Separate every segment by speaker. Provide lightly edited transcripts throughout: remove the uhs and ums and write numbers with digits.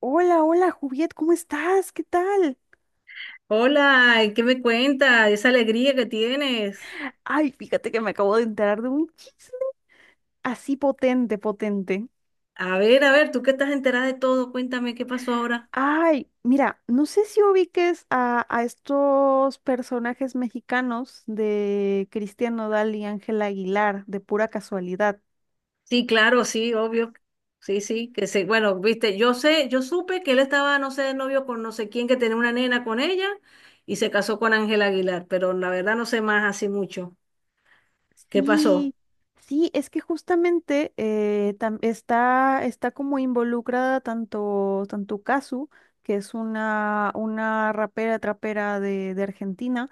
Speaker 1: Hola, hola, Juliet, ¿cómo estás? ¿Qué tal?
Speaker 2: Hola, ¿qué me cuentas? Esa alegría que tienes.
Speaker 1: Ay, fíjate que me acabo de enterar de un chisme así potente, potente.
Speaker 2: A ver, tú que estás enterada de todo, cuéntame qué pasó ahora.
Speaker 1: Ay, mira, no sé si ubiques a, estos personajes mexicanos de Cristian Nodal y Ángela Aguilar, de pura casualidad.
Speaker 2: Sí, claro, sí, obvio. Sí, sí, que sí. Bueno, viste, yo sé, yo supe que él estaba, no sé, de novio con no sé quién, que tenía una nena con ella y se casó con Ángel Aguilar, pero la verdad no sé más así mucho. ¿Qué pasó?
Speaker 1: Sí, sí, es que justamente está, como involucrada tanto, tanto Kazu, que es una, rapera, trapera de, Argentina,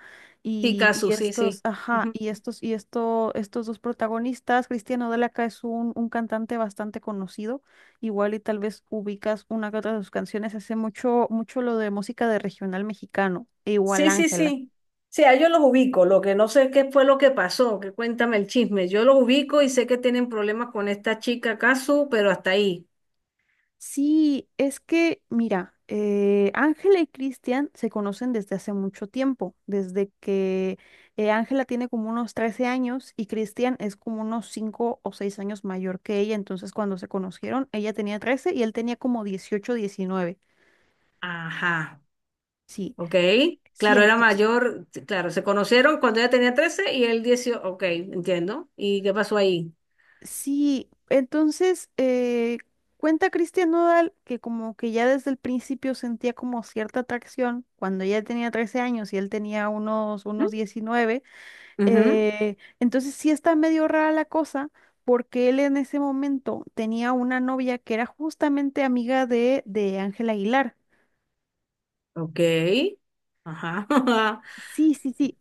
Speaker 2: Sí,
Speaker 1: y
Speaker 2: Casu, sí,
Speaker 1: estos,
Speaker 2: sí.
Speaker 1: ajá, y estos, y esto, estos dos protagonistas. Cristiano Delaca es un, cantante bastante conocido, igual y tal vez ubicas una que otra de sus canciones. Hace mucho, mucho lo de música de regional mexicano, e igual
Speaker 2: Sí, sí,
Speaker 1: Ángela.
Speaker 2: sí. Sí, a ellos los ubico. Lo que no sé es qué fue lo que pasó, que cuéntame el chisme. Yo los ubico y sé que tienen problemas con esta chica Kazu, pero hasta ahí.
Speaker 1: Sí, es que, mira, Ángela y Cristian se conocen desde hace mucho tiempo, desde que Ángela tiene como unos 13 años y Cristian es como unos 5 o 6 años mayor que ella. Entonces cuando se conocieron, ella tenía 13 y él tenía como 18, 19.
Speaker 2: Ajá,
Speaker 1: Sí,
Speaker 2: ok.
Speaker 1: sí,
Speaker 2: Claro, era
Speaker 1: entonces,
Speaker 2: mayor, claro, se conocieron cuando ella tenía 13 y él 18, ok, entiendo. ¿Y qué pasó ahí?
Speaker 1: sí, entonces, cuenta Cristian Nodal que como que ya desde el principio sentía como cierta atracción cuando ella tenía 13 años y él tenía unos,
Speaker 2: ¿Mm?
Speaker 1: unos 19.
Speaker 2: Ujú.
Speaker 1: Entonces sí está medio rara la cosa porque él en ese momento tenía una novia que era justamente amiga de Ángela Aguilar.
Speaker 2: Ok. Ajá.
Speaker 1: Sí, sí, sí,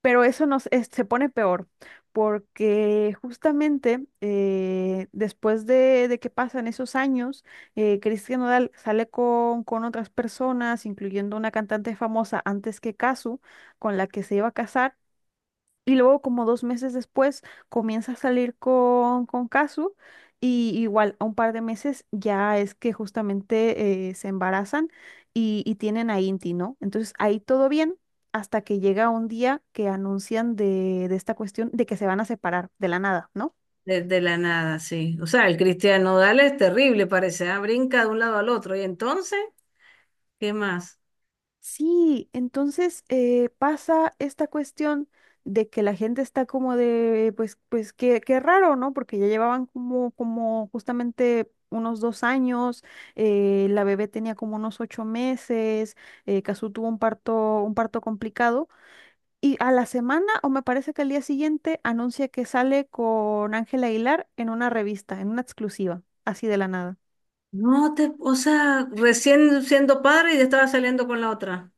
Speaker 1: pero se pone peor porque justamente después de, que pasan esos años, Cristian Nodal sale con otras personas, incluyendo una cantante famosa antes que Casu, con la que se iba a casar. Y luego, como dos meses después, comienza a salir con Kazu. Y igual, a un par de meses ya es que justamente se embarazan y tienen a Inti, ¿no? Entonces ahí todo bien, hasta que llega un día que anuncian de esta cuestión de que se van a separar de la nada, ¿no?
Speaker 2: Desde la nada, sí. O sea, el Cristiano Nodal es terrible, parece, ah, brinca de un lado al otro. ¿Y entonces? ¿Qué más?
Speaker 1: Sí, entonces pasa esta cuestión de que la gente está como de, pues, pues qué, qué raro, ¿no? Porque ya llevaban como, como justamente unos dos años. Eh, la bebé tenía como unos ocho meses. Cazzu tuvo un parto complicado, y a la semana, o me parece que al día siguiente, anuncia que sale con Ángela Aguilar en una revista, en una exclusiva, así de la nada.
Speaker 2: No te, o sea, recién siendo padre y ya estaba saliendo con la otra.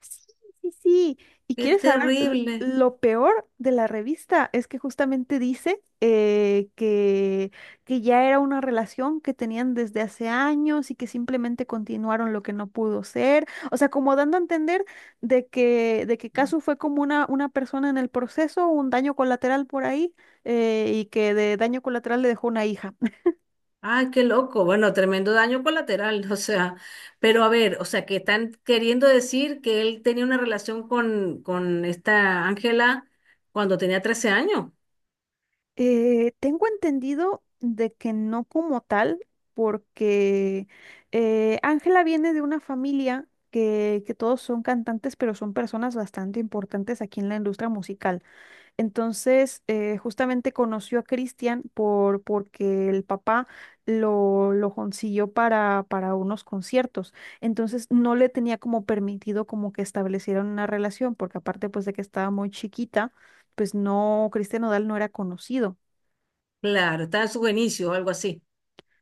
Speaker 1: Sí, sí, sí. Y
Speaker 2: Qué
Speaker 1: quieres saber,
Speaker 2: terrible.
Speaker 1: lo peor de la revista es que justamente dice que ya era una relación que tenían desde hace años y que simplemente continuaron lo que no pudo ser. O sea, como dando a entender de que Casu fue como una persona en el proceso, un daño colateral por ahí, y que de daño colateral le dejó una hija.
Speaker 2: Ay, qué loco. Bueno, tremendo daño colateral, o sea, pero a ver, o sea, que están queriendo decir que él tenía una relación con esta Ángela cuando tenía 13 años.
Speaker 1: Tengo entendido de que no como tal, porque Ángela viene de una familia que todos son cantantes, pero son personas bastante importantes aquí en la industria musical. Entonces, justamente conoció a Cristian por, porque el papá lo consiguió para unos conciertos. Entonces, no le tenía como permitido como que establecieran una relación, porque aparte pues de que estaba muy chiquita, pues no, Cristian Nodal no era conocido.
Speaker 2: Claro, estaba en sus inicios o algo así.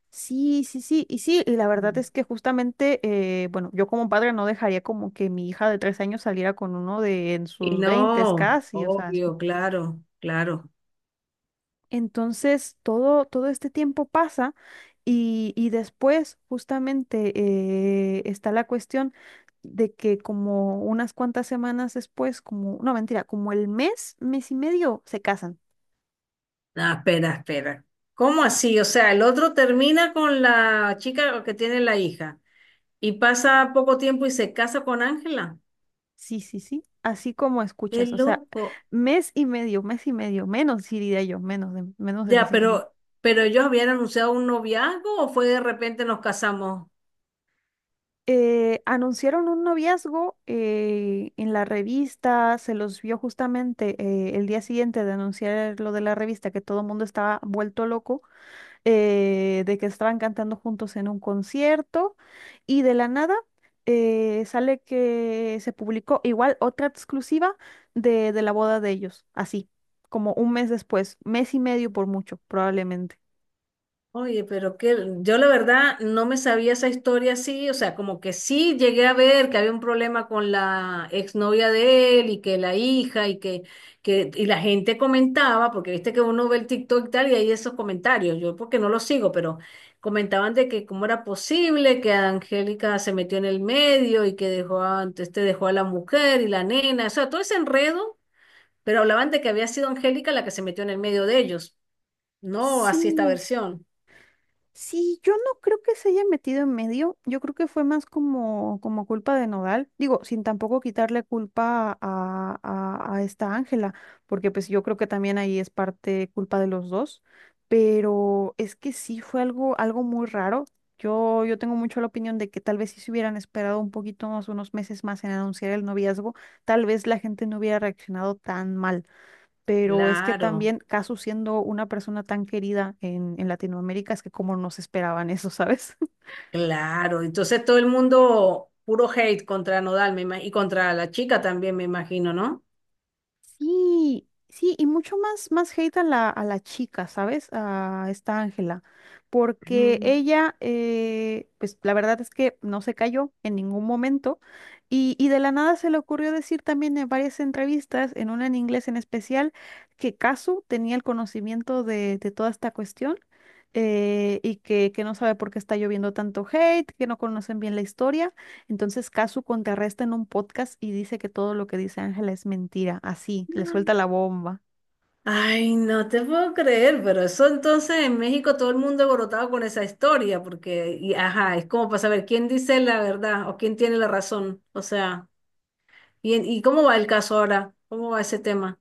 Speaker 1: Sí, sí, sí, y sí, y la
Speaker 2: Ujú.
Speaker 1: verdad es que justamente, bueno, yo como padre no dejaría como que mi hija de tres años saliera con uno de en
Speaker 2: Y
Speaker 1: sus veintes
Speaker 2: no,
Speaker 1: casi, o sea,
Speaker 2: obvio, claro, claro.
Speaker 1: entonces todo, todo este tiempo pasa y después justamente está la cuestión de que como unas cuantas semanas después, como, no, mentira, como el mes, mes y medio, se casan.
Speaker 2: Ah, espera, espera. ¿Cómo así? O sea, el otro termina con la chica que tiene la hija. Y pasa poco tiempo y se casa con Ángela.
Speaker 1: Sí, sí, sí. Así como
Speaker 2: Qué
Speaker 1: escuchas, o sea,
Speaker 2: loco.
Speaker 1: mes y medio, menos sí diría yo, menos de
Speaker 2: Ya,
Speaker 1: mes y medio.
Speaker 2: pero ellos habían anunciado un noviazgo o fue de repente nos casamos.
Speaker 1: Anunciaron un noviazgo en la revista, se los vio justamente el día siguiente de anunciar lo de la revista, que todo el mundo estaba vuelto loco. De que estaban cantando juntos en un concierto y de la nada sale que se publicó igual otra exclusiva de la boda de ellos, así, como un mes después, mes y medio por mucho, probablemente.
Speaker 2: Oye, pero que yo la verdad no me sabía esa historia así, o sea, como que sí llegué a ver que había un problema con la exnovia de él y que la hija y que, y la gente comentaba, porque viste que uno ve el TikTok y tal y hay esos comentarios, yo porque no los sigo, pero comentaban de que cómo era posible que Angélica se metió en el medio y que dejó a, entonces te dejó a la mujer y la nena, o sea, todo ese enredo, pero hablaban de que había sido Angélica la que se metió en el medio de ellos, no así esta
Speaker 1: Sí,
Speaker 2: versión.
Speaker 1: sí, yo no creo que se haya metido en medio. Yo creo que fue más como, como culpa de Nodal. Digo, sin tampoco quitarle culpa a, esta Ángela, porque pues yo creo que también ahí es parte culpa de los dos. Pero es que sí fue algo, algo muy raro. Yo tengo mucho la opinión de que tal vez si se hubieran esperado un poquito más, unos meses más en anunciar el noviazgo, tal vez la gente no hubiera reaccionado tan mal, pero es que
Speaker 2: Claro,
Speaker 1: también Casu siendo una persona tan querida en Latinoamérica, es que como no se esperaban eso, ¿sabes?
Speaker 2: claro. Entonces todo el mundo puro hate contra Nodal y contra la chica también, me imagino, ¿no?
Speaker 1: Sí, sí, y mucho más, más hate a la chica, ¿sabes? A esta Ángela, porque
Speaker 2: Ujú.
Speaker 1: ella, pues la verdad es que no se cayó en ningún momento y de la nada se le ocurrió decir también en varias entrevistas, en una en inglés en especial, que Casu tenía el conocimiento de toda esta cuestión, y que no sabe por qué está lloviendo tanto hate, que no conocen bien la historia. Entonces Casu contrarresta en un podcast y dice que todo lo que dice Ángela es mentira, así, le suelta la bomba.
Speaker 2: Ay, no te puedo creer, pero eso entonces en México todo el mundo alborotado con esa historia, porque, y, ajá, es como para saber quién dice la verdad o quién tiene la razón. O sea, ¿y, y cómo va el caso ahora? ¿Cómo va ese tema?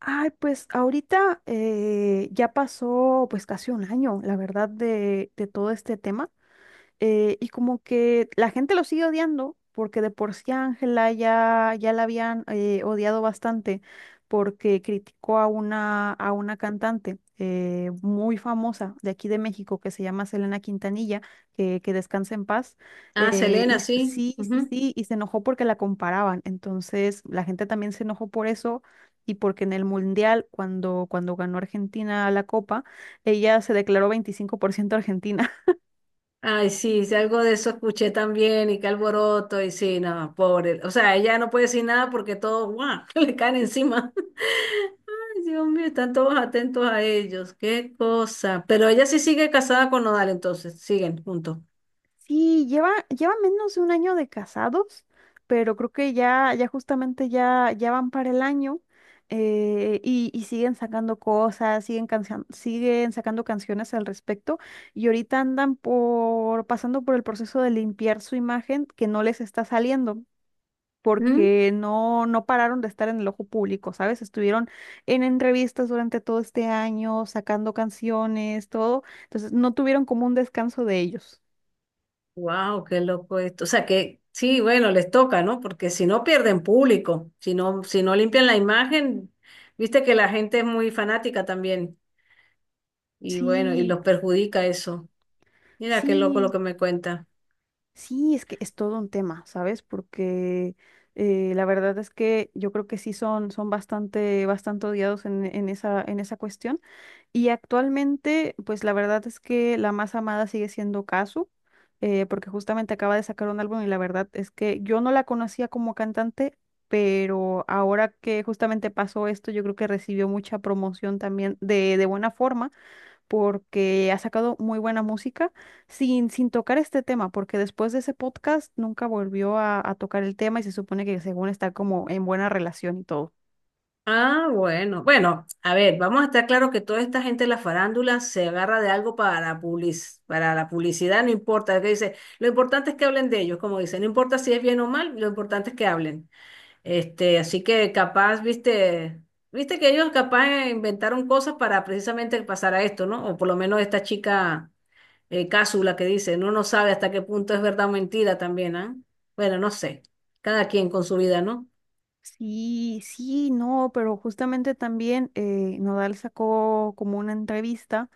Speaker 1: Ay, pues ahorita ya pasó pues casi un año, la verdad, de todo este tema. Y como que la gente lo sigue odiando, porque de por sí a Ángela ya, ya la habían odiado bastante, porque criticó a una cantante muy famosa de aquí de México que se llama Selena Quintanilla, que descansa en paz.
Speaker 2: Ah,
Speaker 1: Y
Speaker 2: Selena, sí.
Speaker 1: Sí, sí, sí, y se enojó porque la comparaban. Entonces la gente también se enojó por eso. Y porque en el Mundial, cuando, cuando ganó Argentina la Copa, ella se declaró 25% argentina.
Speaker 2: Ay, sí, sí, algo de eso escuché también y qué alboroto y sí, no, pobre. O sea, ella no puede decir nada porque todos, ¡guau!, le caen encima. Ay, Dios mío, están todos atentos a ellos, qué cosa. Pero ella sí sigue casada con Nodal, entonces, siguen juntos.
Speaker 1: Sí, lleva, lleva menos de un año de casados, pero creo que ya, ya justamente ya, ya van para el año, y siguen sacando cosas, siguen, siguen sacando canciones al respecto y ahorita andan por, pasando por el proceso de limpiar su imagen que no les está saliendo.
Speaker 2: Mm.
Speaker 1: Porque no, no pararon de estar en el ojo público, ¿sabes? Estuvieron en entrevistas durante todo este año, sacando canciones, todo, entonces no tuvieron como un descanso de ellos.
Speaker 2: Wow, qué loco esto. O sea que sí, bueno, les toca, ¿no? Porque si no pierden público, si no limpian la imagen, viste que la gente es muy fanática también. Y bueno, y
Speaker 1: Sí.
Speaker 2: los perjudica eso. Mira qué loco lo
Speaker 1: Sí,
Speaker 2: que me cuenta.
Speaker 1: sí, es que es todo un tema, ¿sabes? Porque la verdad es que yo creo que sí son, son bastante, bastante odiados en esa cuestión. Y actualmente, pues la verdad es que la más amada sigue siendo Kazu, porque justamente acaba de sacar un álbum y la verdad es que yo no la conocía como cantante, pero ahora que justamente pasó esto, yo creo que recibió mucha promoción también de buena forma porque ha sacado muy buena música sin, sin tocar este tema, porque después de ese podcast nunca volvió a tocar el tema y se supone que según está como en buena relación y todo.
Speaker 2: Ah, bueno, bueno, a ver, vamos a estar claro que toda esta gente de la farándula se agarra de algo para, para la publicidad, no importa, que dice, lo importante es que hablen de ellos, como dicen, no importa si es bien o mal, lo importante es que hablen. Este, así que capaz, viste que ellos capaz inventaron cosas para precisamente pasar a esto, ¿no? O por lo menos esta chica Cásula que dice, no no sabe hasta qué punto es verdad o mentira también, ¿ah? Bueno, no sé, cada quien con su vida, ¿no?
Speaker 1: Sí, sí, no, pero justamente también Nodal sacó como una entrevista,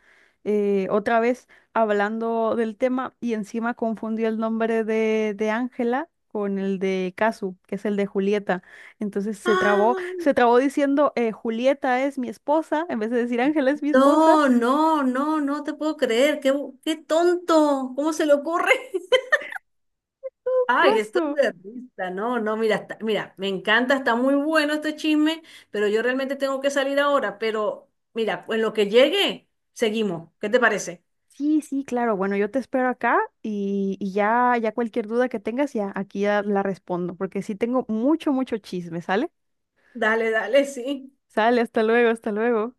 Speaker 1: otra vez hablando del tema y encima confundió el nombre de Ángela con el de Casu, que es el de Julieta. Entonces
Speaker 2: Ah.
Speaker 1: se trabó diciendo Julieta es mi esposa, en vez de decir Ángela es mi esposa.
Speaker 2: No, no, no, no te puedo creer. Qué, qué tonto. ¿Cómo se le ocurre? Ay, esto es
Speaker 1: Casu.
Speaker 2: de risa. No, no, mira, mira, me encanta, está muy bueno este chisme, pero yo realmente tengo que salir ahora. Pero mira, en lo que llegue, seguimos. ¿Qué te parece?
Speaker 1: Sí, sí, claro. Bueno, yo te espero acá y ya, ya cualquier duda que tengas, ya aquí ya la respondo, porque sí tengo mucho, mucho chisme, ¿sale?
Speaker 2: Dale, dale, sí.
Speaker 1: Sale, hasta luego, hasta luego.